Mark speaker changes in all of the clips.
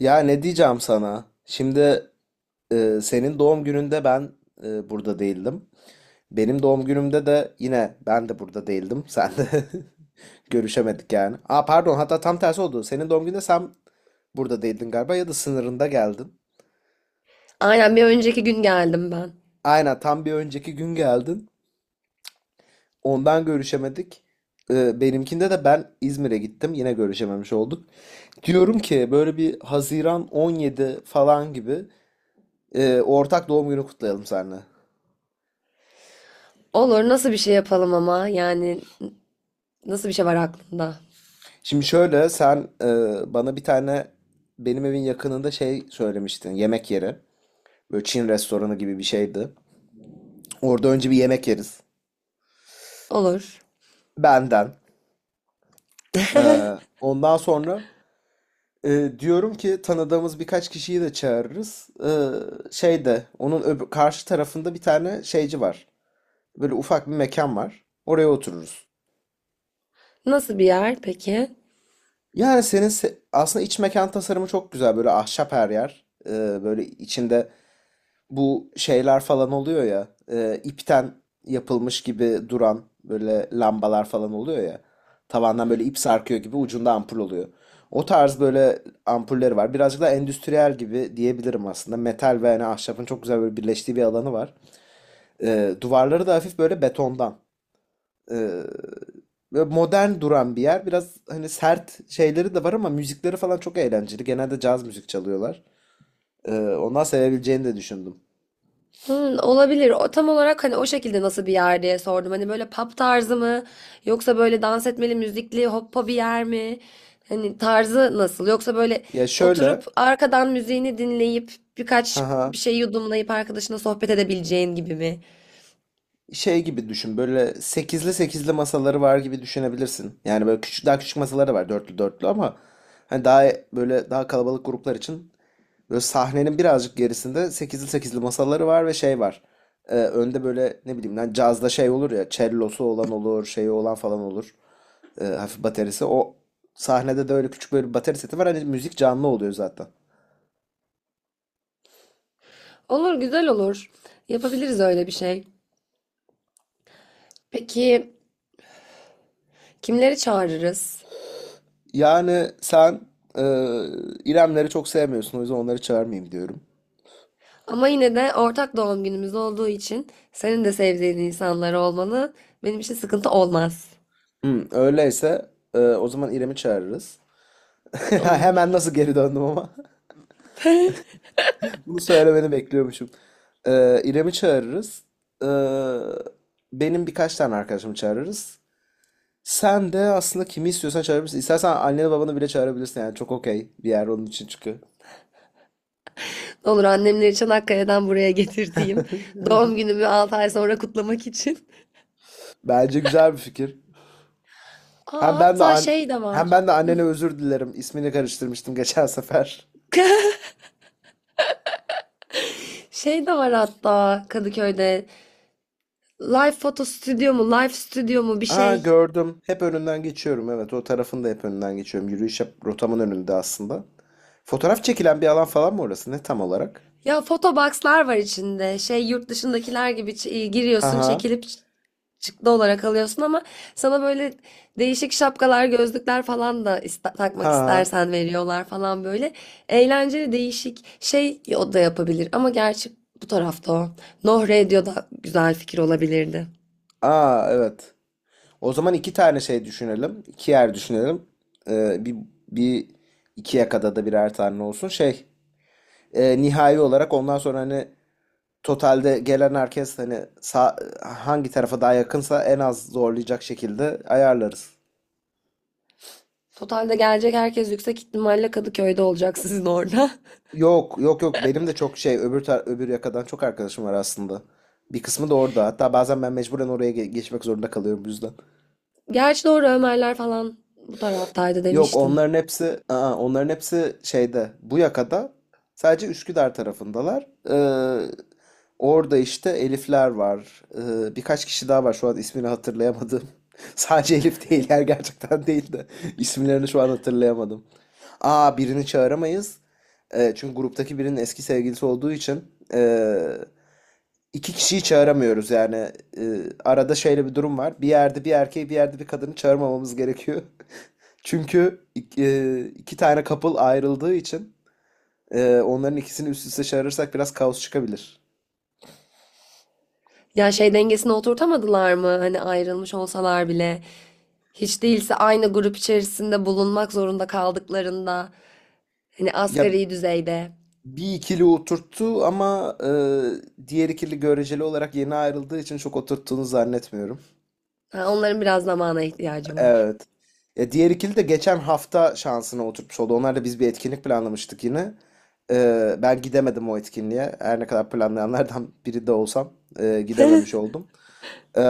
Speaker 1: Ya ne diyeceğim sana? Şimdi senin doğum gününde ben burada değildim. Benim doğum günümde de yine ben de burada değildim. Sen de görüşemedik yani. Aa pardon hatta tam tersi oldu. Senin doğum gününde sen burada değildin galiba ya da sınırında geldin.
Speaker 2: Aynen bir önceki gün geldim ben.
Speaker 1: Aynen tam bir önceki gün geldin. Ondan görüşemedik. Benimkinde de ben İzmir'e gittim. Yine görüşememiş olduk. Diyorum ki böyle bir 17 Haziran falan gibi ortak doğum günü kutlayalım seninle.
Speaker 2: Olur, nasıl bir şey yapalım, ama yani nasıl bir şey var aklında?
Speaker 1: Şimdi şöyle sen bana bir tane benim evin yakınında şey söylemiştin yemek yeri. Böyle Çin restoranı gibi bir şeydi. Orada önce bir yemek yeriz.
Speaker 2: Olur.
Speaker 1: Benden. E, ondan sonra diyorum ki tanıdığımız birkaç kişiyi de çağırırız. Şeyde onun karşı tarafında bir tane şeyci var. Böyle ufak bir mekan var. Oraya otururuz.
Speaker 2: Nasıl bir yer peki?
Speaker 1: Yani aslında iç mekan tasarımı çok güzel. Böyle ahşap her yer. Böyle içinde bu şeyler falan oluyor ya. İpten yapılmış gibi duran böyle lambalar falan oluyor ya. Tavandan böyle ip sarkıyor gibi ucunda ampul oluyor. O tarz böyle ampulleri var. Birazcık da endüstriyel gibi diyebilirim aslında. Metal ve yani ahşabın çok güzel böyle birleştiği bir alanı var. Duvarları da hafif böyle betondan. E, Böyle modern duran bir yer. Biraz hani sert şeyleri de var ama müzikleri falan çok eğlenceli. Genelde caz müzik çalıyorlar. Ondan sevebileceğini de düşündüm.
Speaker 2: Hmm, olabilir. O tam olarak hani o şekilde nasıl bir yer diye sordum. Hani böyle pub tarzı mı yoksa böyle dans etmeli, müzikli, hoppa bir yer mi? Hani tarzı nasıl? Yoksa böyle
Speaker 1: Ya
Speaker 2: oturup
Speaker 1: şöyle
Speaker 2: arkadan müziğini dinleyip birkaç
Speaker 1: Haha.
Speaker 2: bir şey yudumlayıp arkadaşına sohbet edebileceğin gibi mi?
Speaker 1: Şey gibi düşün. Böyle sekizli sekizli masaları var gibi düşünebilirsin. Yani böyle küçük daha küçük masaları var dörtlü dörtlü ama hani daha böyle daha kalabalık gruplar için böyle sahnenin birazcık gerisinde sekizli sekizli masaları var ve şey var. Önde böyle ne bileyim lan cazda şey olur ya cellosu olan olur, şeyi olan falan olur. Hafif baterisi. O sahnede de öyle küçük böyle bir bateri seti var. Hani müzik canlı oluyor zaten.
Speaker 2: Olur, güzel olur. Yapabiliriz öyle bir şey. Peki, kimleri çağırırız?
Speaker 1: Yani sen e, İremleri çok sevmiyorsun. O yüzden onları çağırmayayım diyorum.
Speaker 2: Ama yine de ortak doğum günümüz olduğu için senin de sevdiğin insanlar olmalı. Benim için sıkıntı olmaz.
Speaker 1: Öyleyse o zaman İrem'i çağırırız. Ha, hemen
Speaker 2: Olur.
Speaker 1: nasıl geri döndüm ama. Bunu söylemeni bekliyormuşum. İrem'i çağırırız. E, benim birkaç tane arkadaşımı çağırırız. Sen de aslında kimi istiyorsan çağırabilirsin. İstersen anneni babanı bile çağırabilirsin. Yani çok okey bir yer onun için çünkü.
Speaker 2: Olur, annemleri Çanakkale'den buraya getirdiğim, doğum günümü 6 ay sonra kutlamak için.
Speaker 1: Bence güzel bir fikir.
Speaker 2: Aa,
Speaker 1: Hem ben de
Speaker 2: hatta
Speaker 1: an
Speaker 2: şey de var.
Speaker 1: hem ben de annene özür dilerim. İsmini karıştırmıştım geçen sefer.
Speaker 2: Şey de var hatta Kadıköy'de. Live foto stüdyo mu, live stüdyo mu bir
Speaker 1: Aa,
Speaker 2: şey.
Speaker 1: gördüm. Hep önünden geçiyorum. Evet, o tarafın da hep önünden geçiyorum. Rotamın önünde aslında. Fotoğraf çekilen bir alan falan mı orası? Ne tam olarak?
Speaker 2: Ya fotoboxlar var içinde. Şey, yurt dışındakiler gibi
Speaker 1: Ha
Speaker 2: giriyorsun,
Speaker 1: ha.
Speaker 2: çekilip şıklı olarak alıyorsun, ama sana böyle değişik şapkalar, gözlükler falan da takmak
Speaker 1: Ha.
Speaker 2: istersen veriyorlar falan böyle. Eğlenceli değişik şey, o da yapabilir ama gerçi bu tarafta o. Noh Radio da güzel fikir olabilirdi.
Speaker 1: Aa, evet. O zaman iki tane şey düşünelim. İki yer düşünelim. Ee, bir, bir iki yakada da birer tane olsun. Şey nihai olarak ondan sonra hani totalde gelen herkes hani hangi tarafa daha yakınsa en az zorlayacak şekilde ayarlarız.
Speaker 2: Totalde gelecek herkes yüksek ihtimalle Kadıköy'de olacak, sizin orada.
Speaker 1: Yok, yok, yok, benim de çok şey öbür yakadan çok arkadaşım var aslında. Bir kısmı da orada. Hatta bazen ben mecburen oraya geçmek zorunda kalıyorum bu yüzden.
Speaker 2: Gerçi doğru, Ömerler falan bu taraftaydı
Speaker 1: Yok,
Speaker 2: demiştin.
Speaker 1: onların hepsi şeyde bu yakada sadece Üsküdar tarafındalar. Orada işte Elifler var. Birkaç kişi daha var şu an ismini hatırlayamadım. Sadece Elif değiller gerçekten değil de isimlerini şu an hatırlayamadım. Aa, birini çağıramayız. Çünkü gruptaki birinin eski sevgilisi olduğu için ee, iki kişiyi çağıramıyoruz yani. Ee, arada şöyle bir durum var. Bir yerde bir erkeği bir yerde bir kadını çağırmamamız gerekiyor. Çünkü iki tane couple ayrıldığı için onların ikisini üst üste çağırırsak biraz kaos çıkabilir.
Speaker 2: Ya şey dengesini oturtamadılar mı? Hani ayrılmış olsalar bile. Hiç değilse aynı grup içerisinde bulunmak zorunda kaldıklarında, hani
Speaker 1: Ya
Speaker 2: asgari düzeyde.
Speaker 1: bir ikili oturttu ama diğer ikili göreceli olarak yeni ayrıldığı için çok oturttuğunu zannetmiyorum.
Speaker 2: Ha, onların biraz zamana ihtiyacı var.
Speaker 1: Evet. Ya diğer ikili de geçen hafta şansına oturtmuş oldu. Onlar da biz bir etkinlik planlamıştık yine. Ben gidemedim o etkinliğe. Her ne kadar planlayanlardan biri de olsam gidememiş oldum. E,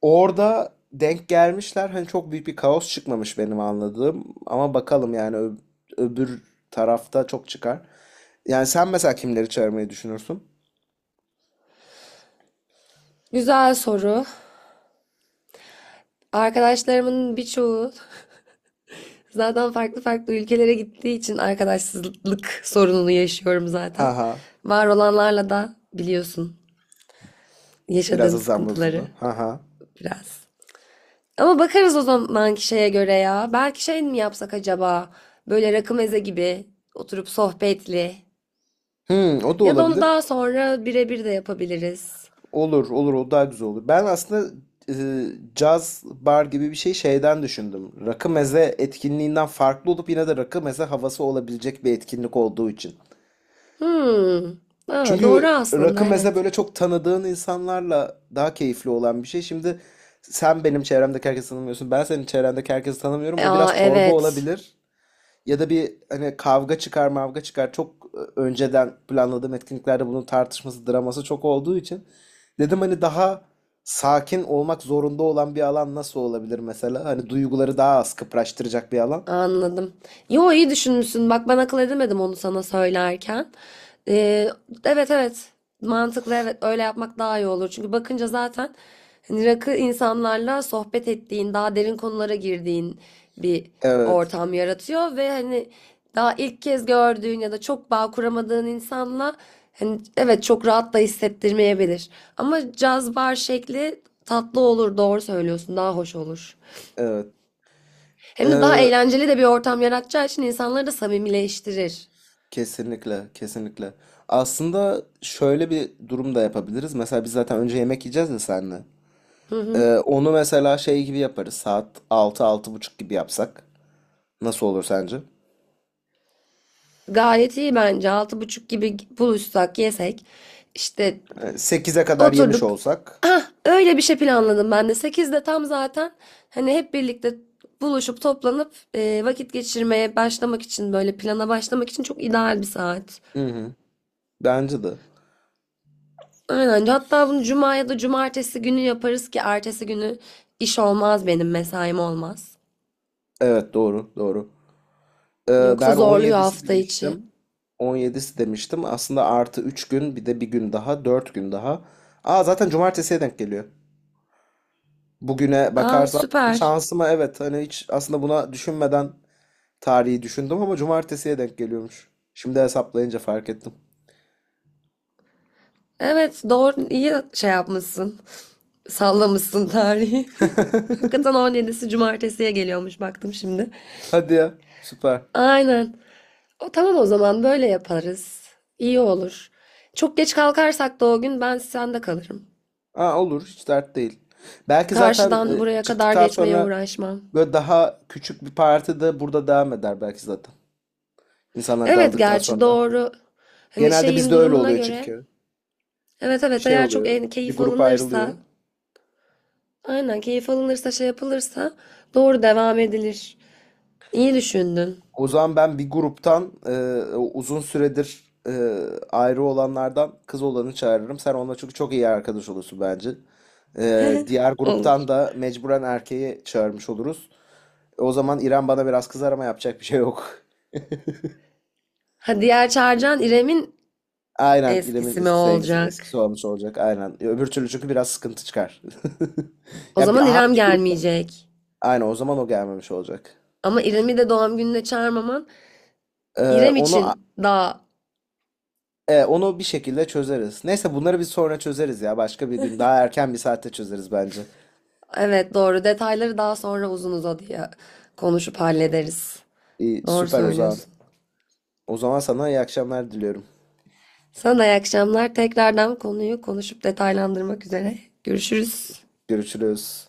Speaker 1: Orada denk gelmişler. Hani çok büyük bir kaos çıkmamış benim anladığım. Ama bakalım yani öbür tarafta çok çıkar. Yani sen mesela kimleri çağırmayı düşünürsün?
Speaker 2: Güzel soru. Arkadaşlarımın birçoğu zaten farklı farklı ülkelere gittiği için arkadaşsızlık sorununu yaşıyorum
Speaker 1: Ha
Speaker 2: zaten.
Speaker 1: ha.
Speaker 2: Var olanlarla da biliyorsun
Speaker 1: Biraz
Speaker 2: yaşadığım
Speaker 1: azam
Speaker 2: sıkıntıları
Speaker 1: bozuldu. Ha ha.
Speaker 2: biraz. Ama bakarız o zamanki şeye göre ya. Belki şey mi yapsak acaba? Böyle rakı meze gibi oturup sohbetli.
Speaker 1: Hmm, o da
Speaker 2: Ya da onu
Speaker 1: olabilir.
Speaker 2: daha sonra birebir de yapabiliriz.
Speaker 1: Olur, olur, o daha güzel olur. Ben aslında e, caz bar gibi bir şey şeyden düşündüm. Rakı meze etkinliğinden farklı olup yine de rakı meze havası olabilecek bir etkinlik olduğu için.
Speaker 2: Hmm. Ha, doğru
Speaker 1: Çünkü rakı
Speaker 2: aslında,
Speaker 1: mesela
Speaker 2: evet.
Speaker 1: böyle çok tanıdığın insanlarla daha keyifli olan bir şey. Şimdi sen benim çevremdeki herkesi tanımıyorsun. Ben senin çevrendeki herkesi tanımıyorum. O biraz
Speaker 2: Aa
Speaker 1: çorba
Speaker 2: evet,
Speaker 1: olabilir. Ya da bir hani kavga çıkar, mavga çıkar. Çok önceden planladığım etkinliklerde bunun tartışması, draması çok olduğu için dedim hani daha sakin olmak zorunda olan bir alan nasıl olabilir mesela? Hani duyguları daha az kıpraştıracak bir alan.
Speaker 2: anladım. Yo, iyi düşünmüşsün. Bak, ben akıl edemedim onu sana söylerken. Ee, evet evet, mantıklı, evet, öyle yapmak daha iyi olur. Çünkü bakınca zaten hani rakı insanlarla sohbet ettiğin, daha derin konulara girdiğin bir
Speaker 1: Evet,
Speaker 2: ortam yaratıyor ve hani daha ilk kez gördüğün ya da çok bağ kuramadığın insanla hani evet çok rahat da hissettirmeyebilir. Ama caz bar şekli tatlı olur, doğru söylüyorsun, daha hoş olur. Hem de daha
Speaker 1: evet.
Speaker 2: eğlenceli de bir ortam yaratacağı için insanları da samimileştirir.
Speaker 1: Kesinlikle, kesinlikle. Aslında şöyle bir durum da yapabiliriz. Mesela biz zaten önce yemek yiyeceğiz ya seninle.
Speaker 2: Hı hı.
Speaker 1: Onu mesela şey gibi yaparız. Saat altı altı buçuk gibi yapsak. Nasıl olur sence?
Speaker 2: Gayet iyi bence. Altı buçuk gibi buluşsak, yesek. İşte
Speaker 1: 8'e kadar yemiş
Speaker 2: oturduk.
Speaker 1: olsak.
Speaker 2: Ah, öyle bir şey planladım ben de. Sekizde tam zaten hani hep birlikte buluşup toplanıp vakit geçirmeye başlamak için, böyle plana başlamak için çok ideal bir saat.
Speaker 1: Hı hı. Bence de.
Speaker 2: Aynen. Hatta bunu cuma ya da cumartesi günü yaparız ki ertesi günü iş olmaz, benim mesaim olmaz.
Speaker 1: Evet, doğru, doğru. Ee,
Speaker 2: Yoksa
Speaker 1: ben on
Speaker 2: zorluyor
Speaker 1: yedisi
Speaker 2: hafta içi.
Speaker 1: demiştim. 17'si demiştim. Aslında artı 3 gün bir de bir gün daha, 4 gün daha. Aa, zaten cumartesiye denk geliyor. Bugüne
Speaker 2: Aa,
Speaker 1: bakarsam
Speaker 2: süper.
Speaker 1: şansıma, evet hani hiç aslında buna düşünmeden tarihi düşündüm ama cumartesiye denk geliyormuş. Şimdi hesaplayınca fark ettim.
Speaker 2: Evet doğru, iyi şey yapmışsın. Sallamışsın tarihi. Hakikaten 17'si cumartesiye geliyormuş, baktım şimdi.
Speaker 1: Hadi ya, süper.
Speaker 2: Aynen. O tamam, o zaman böyle yaparız. İyi olur. Çok geç kalkarsak da o gün ben sende kalırım.
Speaker 1: Aa, olur, hiç dert değil. Belki zaten
Speaker 2: Karşıdan buraya kadar
Speaker 1: çıktıktan
Speaker 2: geçmeye
Speaker 1: sonra
Speaker 2: uğraşmam.
Speaker 1: böyle daha küçük bir parti de burada devam eder belki zaten. İnsanlar
Speaker 2: Evet
Speaker 1: dağıldıktan
Speaker 2: gerçi
Speaker 1: sonra.
Speaker 2: doğru. Hani
Speaker 1: Genelde
Speaker 2: şeyin
Speaker 1: bizde öyle
Speaker 2: durumuna
Speaker 1: oluyor
Speaker 2: göre.
Speaker 1: çünkü.
Speaker 2: Evet evet,
Speaker 1: Şey
Speaker 2: eğer çok
Speaker 1: oluyor,
Speaker 2: en
Speaker 1: bir
Speaker 2: keyif
Speaker 1: grup ayrılıyor.
Speaker 2: alınırsa. Aynen, keyif alınırsa, şey yapılırsa doğru devam edilir. İyi düşündün.
Speaker 1: O zaman ben bir gruptan o uzun süredir ayrı olanlardan kız olanı çağırırım. Sen onunla çünkü çok iyi arkadaş olursun bence. Diğer
Speaker 2: Olur.
Speaker 1: gruptan da mecburen erkeği çağırmış oluruz. O zaman İrem bana biraz kızar ama yapacak bir şey yok.
Speaker 2: Ha, diğer Çağrıcan İrem'in
Speaker 1: Aynen İrem'in
Speaker 2: eskisi mi
Speaker 1: eski sevgisi,
Speaker 2: olacak?
Speaker 1: eskisi olmuş olacak. Aynen. Öbür türlü çünkü biraz sıkıntı çıkar.
Speaker 2: O
Speaker 1: Ya bir,
Speaker 2: zaman İrem
Speaker 1: hangi grupta?
Speaker 2: gelmeyecek.
Speaker 1: Aynen, o zaman o gelmemiş olacak.
Speaker 2: Ama İrem'i de doğum gününe çağırmaman
Speaker 1: E,
Speaker 2: İrem
Speaker 1: onu
Speaker 2: için daha,
Speaker 1: onu bir şekilde çözeriz. Neyse bunları bir sonra çözeriz ya. Başka bir gün daha erken bir saatte çözeriz bence.
Speaker 2: evet doğru, detayları daha sonra uzun uzadıya konuşup hallederiz.
Speaker 1: İyi,
Speaker 2: Doğru
Speaker 1: süper o zaman.
Speaker 2: söylüyorsun.
Speaker 1: O zaman sana iyi akşamlar diliyorum.
Speaker 2: Sana da iyi akşamlar. Tekrardan konuyu konuşup detaylandırmak üzere. Görüşürüz.
Speaker 1: Görüşürüz.